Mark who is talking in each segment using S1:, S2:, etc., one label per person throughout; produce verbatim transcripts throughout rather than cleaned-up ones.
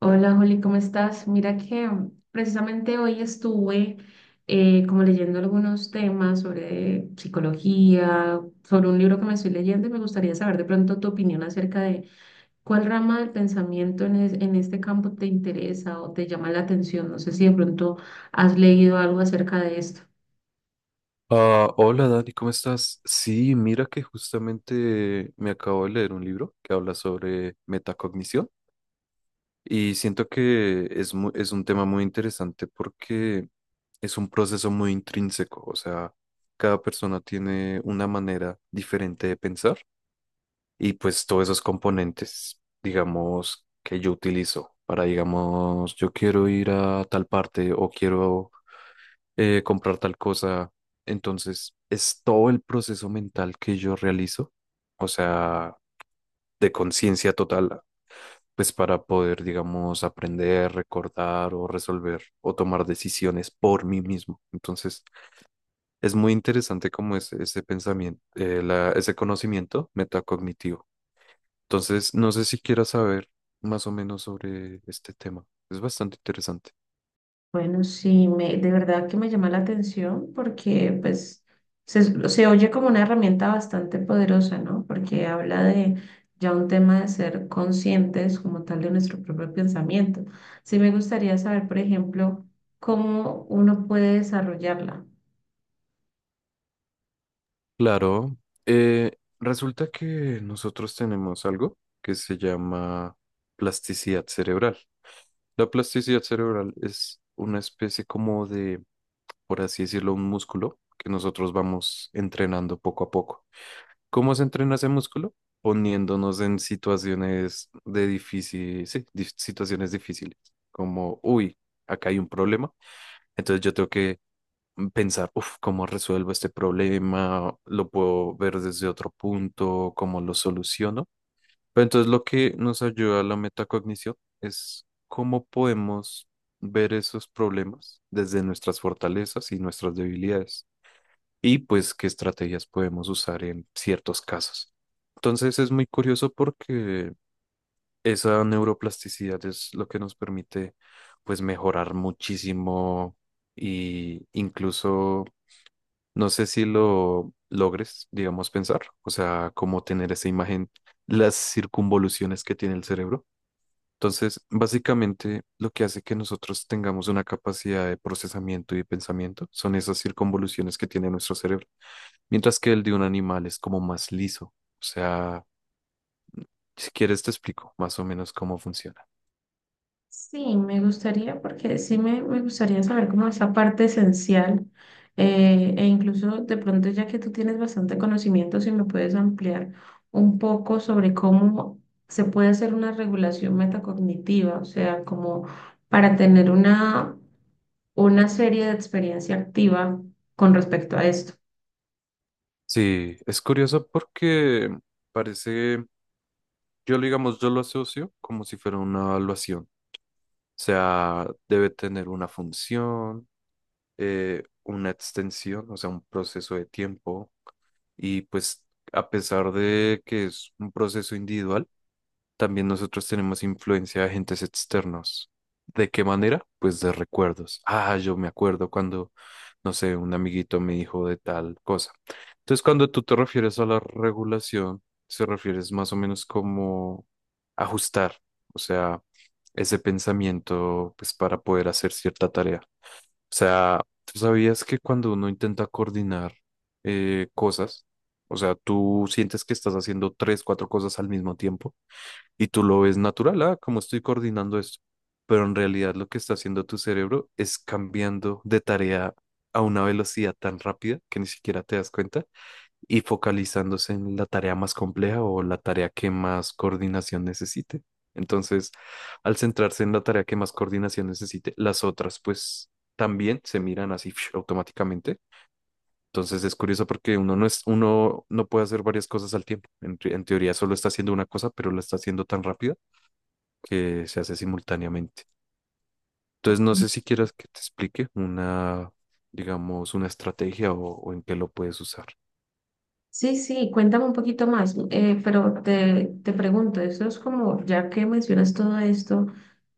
S1: Hola Juli, ¿cómo estás? Mira que precisamente hoy estuve eh, como leyendo algunos temas sobre psicología, sobre un libro que me estoy leyendo y me gustaría saber de pronto tu opinión acerca de cuál rama del pensamiento en, es- en este campo te interesa o te llama la atención. No sé si de pronto has leído algo acerca de esto.
S2: Ah, hola Dani, ¿cómo estás? Sí, mira que justamente me acabo de leer un libro que habla sobre metacognición y siento que es mu- es un tema muy interesante porque es un proceso muy intrínseco, o sea, cada persona tiene una manera diferente de pensar y pues todos esos componentes, digamos, que yo utilizo para, digamos, yo quiero ir a tal parte o quiero eh, comprar tal cosa. Entonces, es todo el proceso mental que yo realizo, o sea, de conciencia total, pues para poder, digamos, aprender, recordar o resolver o tomar decisiones por mí mismo. Entonces, es muy interesante como ese, ese pensamiento, eh, la- ese conocimiento metacognitivo. Entonces, no sé si quieras saber más o menos sobre este tema. Es bastante interesante.
S1: Bueno, sí, me, de verdad que me llama la atención porque pues se, se oye como una herramienta bastante poderosa, ¿no? Porque habla de ya un tema de ser conscientes como tal de nuestro propio pensamiento. Sí me gustaría saber, por ejemplo, cómo uno puede desarrollarla.
S2: Claro. Eh, resulta que nosotros tenemos algo que se llama plasticidad cerebral. La plasticidad cerebral es una especie como de, por así decirlo, un músculo que nosotros vamos entrenando poco a poco. ¿Cómo se entrena ese músculo? Poniéndonos en situaciones de difícil, sí, dif- situaciones difíciles, como, uy, acá hay un problema, entonces yo tengo que mm, pensar, uff, ¿cómo resuelvo este problema? ¿Lo puedo ver desde otro punto? ¿Cómo lo soluciono? Pero entonces lo que nos ayuda la metacognición es cómo podemos ver esos problemas desde nuestras fortalezas y nuestras debilidades y pues qué estrategias podemos usar en ciertos casos. Entonces es muy curioso porque esa neuroplasticidad es lo que nos permite pues mejorar muchísimo y incluso no sé si lo logres, digamos, pensar, o sea, cómo tener esa imagen, las circunvoluciones que tiene el cerebro. Entonces, básicamente, lo que hace que nosotros tengamos una capacidad de procesamiento y de pensamiento son esas circunvoluciones que tiene nuestro cerebro, mientras que el de un animal es como más liso. O sea, si quieres te explico más o menos cómo funciona.
S1: Sí, me gustaría, porque sí me, me gustaría saber cómo esa parte esencial, eh, e incluso de pronto ya que tú tienes bastante conocimiento, si me puedes ampliar un poco sobre cómo se puede hacer una regulación metacognitiva, o sea, como para tener una, una serie de experiencia activa con respecto a esto.
S2: Sí, es curioso porque parece, yo lo digamos, yo lo asocio como si fuera una evaluación. O sea, debe tener una función, eh, una extensión, o sea, un proceso de tiempo. Y pues a pesar de que es un proceso individual, también nosotros tenemos influencia de agentes externos. ¿De qué manera? Pues de recuerdos. Ah, yo me acuerdo cuando, no sé, un amiguito me dijo de tal cosa. Entonces, cuando tú te refieres a la regulación, se refieres más o menos como ajustar, o sea, ese pensamiento, pues para poder hacer cierta tarea. O sea, ¿tú sabías que cuando uno intenta coordinar eh, cosas, o sea, tú sientes que estás haciendo tres, cuatro cosas al mismo tiempo? Y tú lo ves natural, ah, cómo estoy coordinando esto. Pero en realidad lo que está haciendo tu cerebro es cambiando de tarea a una velocidad tan rápida que ni siquiera te das cuenta y focalizándose en la tarea más compleja o la tarea que más coordinación necesite. Entonces, al centrarse en la tarea que más coordinación necesite, las otras pues también se miran así automáticamente. Entonces es curioso porque uno no es, uno no puede hacer varias cosas al tiempo. En, te- en teoría solo está haciendo una cosa, pero la está haciendo tan rápida que se hace simultáneamente. Entonces, no sé si quieras que te explique una, digamos, una estrategia o, o en qué lo puedes usar.
S1: Sí, sí, cuéntame un poquito más, eh, pero te, te pregunto, eso es como, ya que mencionas todo esto,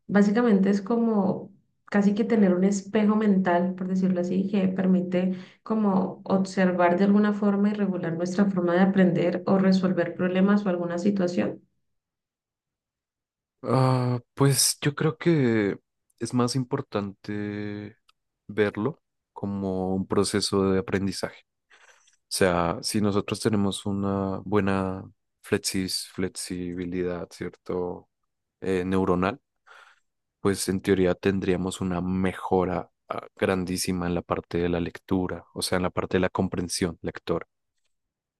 S1: básicamente es como casi que tener un espejo mental, por decirlo así, que permite como observar de alguna forma y regular nuestra forma de aprender o resolver problemas o alguna situación.
S2: Ah, pues yo creo que es más importante verlo como un proceso de aprendizaje. O sea, si nosotros tenemos una buena flexis- flexibilidad, ¿cierto? Eh, neuronal, pues en teoría tendríamos una mejora ah, grandísima en la parte de la lectura, o sea, en la parte de la comprensión lectora.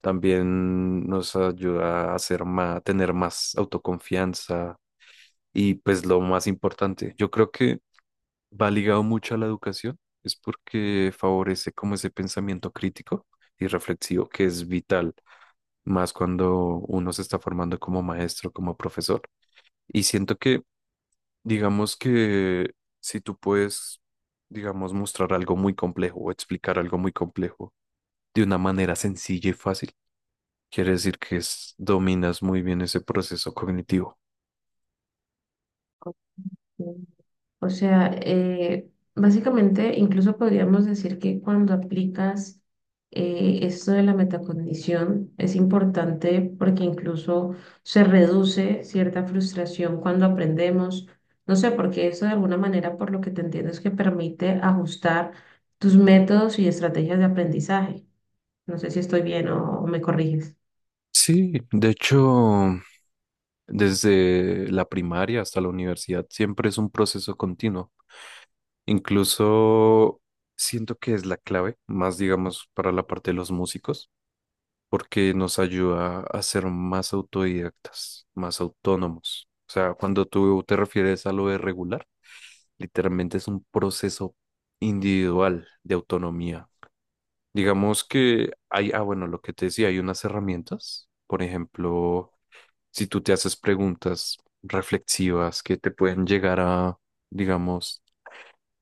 S2: También nos ayuda a hacer más, tener más autoconfianza y pues lo más importante, yo creo que va ligado mucho a la educación, es porque favorece como ese pensamiento crítico y reflexivo que es vital, más cuando uno se está formando como maestro, como profesor. Y siento que, digamos que si tú puedes, digamos, mostrar algo muy complejo o explicar algo muy complejo de una manera sencilla y fácil, quiere decir que es- dominas muy bien ese proceso cognitivo.
S1: O sea, eh, básicamente, incluso podríamos decir que cuando aplicas eh, esto de la metacondición es importante porque incluso se reduce cierta frustración cuando aprendemos. No sé, porque eso de alguna manera, por lo que te entiendo, es que permite ajustar tus métodos y estrategias de aprendizaje. No sé si estoy bien o, o me corriges.
S2: Sí, de hecho, desde la primaria hasta la universidad siempre es un proceso continuo. Incluso siento que es la clave, más digamos para la parte de los músicos porque nos ayuda a ser más autodidactas, más autónomos. O sea, cuando tú te refieres a lo de regular, literalmente es un proceso individual de autonomía. Digamos que hay, ah, bueno, lo que te decía, hay unas herramientas, por ejemplo, si tú te haces preguntas reflexivas que te pueden llegar a, digamos,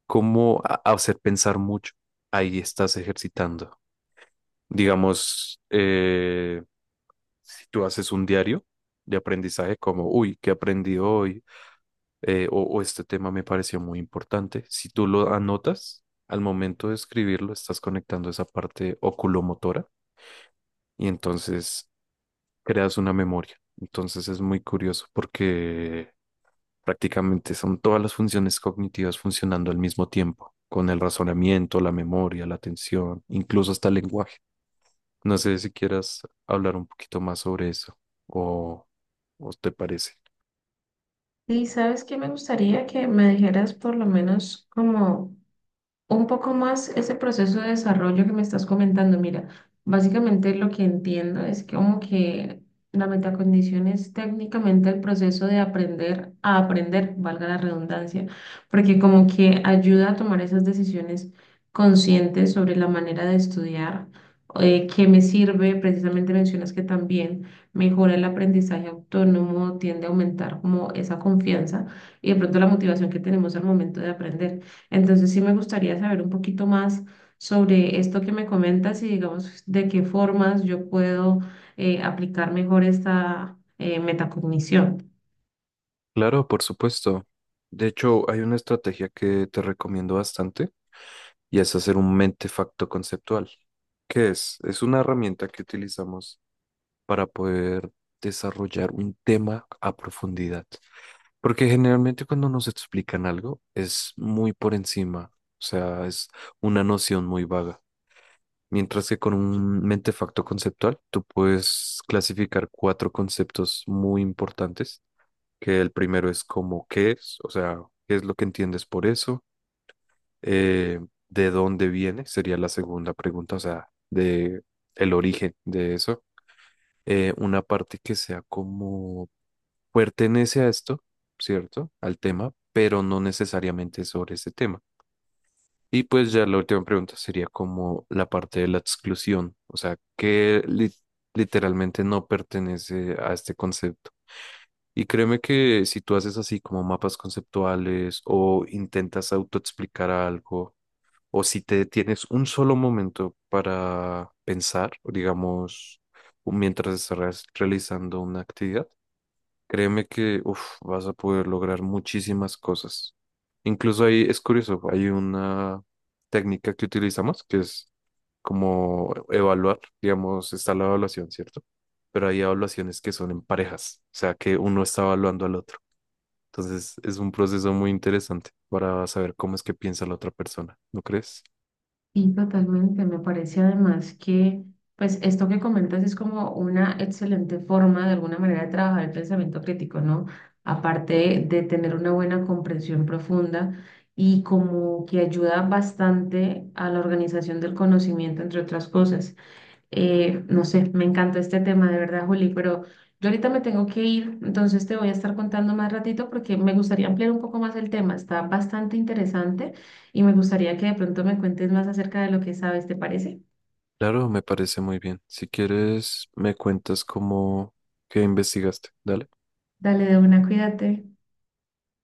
S2: cómo a- a hacer pensar mucho, ahí estás ejercitando. Digamos, eh. Si tú haces un diario de aprendizaje como, uy, ¿qué aprendí hoy? Eh, o, o este tema me pareció muy importante. Si tú lo anotas, al momento de escribirlo, estás conectando esa parte oculomotora y entonces creas una memoria. Entonces es muy curioso porque prácticamente son todas las funciones cognitivas funcionando al mismo tiempo, con el razonamiento, la memoria, la atención, incluso hasta el lenguaje. No sé si quieras hablar un poquito más sobre eso o, o te parece.
S1: Sí, ¿sabes qué me gustaría que me dijeras por lo menos como un poco más ese proceso de desarrollo que me estás comentando? Mira, básicamente lo que entiendo es que como que la metacondición es técnicamente el proceso de aprender a aprender, valga la redundancia, porque como que ayuda a tomar esas decisiones conscientes sobre la manera de estudiar. Eh, que me sirve, precisamente mencionas que también mejora el aprendizaje autónomo, tiende a aumentar como esa confianza y de pronto la motivación que tenemos al momento de aprender. Entonces sí me gustaría saber un poquito más sobre esto que me comentas y digamos de qué formas yo puedo eh, aplicar mejor esta eh, metacognición.
S2: Claro, por supuesto. De hecho, hay una estrategia que te recomiendo bastante y es hacer un mentefacto conceptual. ¿Qué es? Es una herramienta que utilizamos para poder desarrollar un tema a profundidad. Porque generalmente cuando nos explican algo es muy por encima, o sea, es una noción muy vaga. Mientras que con un mentefacto conceptual tú puedes clasificar cuatro conceptos muy importantes, que el primero es como qué es, o sea, qué es lo que entiendes por eso. Eh, de dónde viene, sería la segunda pregunta, o sea, de el origen de eso. Eh, una parte que sea como pertenece a esto, ¿cierto? Al tema, pero no necesariamente sobre ese tema. Y pues ya la última pregunta sería como la parte de la exclusión, o sea, que li- literalmente no pertenece a este concepto. Y créeme que si tú haces así como mapas conceptuales o intentas autoexplicar algo, o si te tienes un solo momento para pensar, digamos, mientras estás realizando una actividad, créeme que uf, vas a poder lograr muchísimas cosas. Incluso ahí es curioso, hay una técnica que utilizamos que es como evaluar, digamos, está la evaluación, ¿cierto? Pero hay evaluaciones que son en parejas, o sea, que uno está evaluando al otro. Entonces es un proceso muy interesante para saber cómo es que piensa la otra persona, ¿no crees?
S1: Y totalmente, me parece además que pues esto que comentas es como una excelente forma de alguna manera de trabajar el pensamiento crítico, ¿no? Aparte de tener una buena comprensión profunda y como que ayuda bastante a la organización del conocimiento, entre otras cosas. Eh, no sé, me encantó este tema, de verdad, Juli, pero yo ahorita me tengo que ir, entonces te voy a estar contando más ratito porque me gustaría ampliar un poco más el tema. Está bastante interesante y me gustaría que de pronto me cuentes más acerca de lo que sabes, ¿te parece?
S2: Claro, me parece muy bien. Si quieres, me cuentas cómo, qué investigaste. Dale.
S1: Dale de una, cuídate.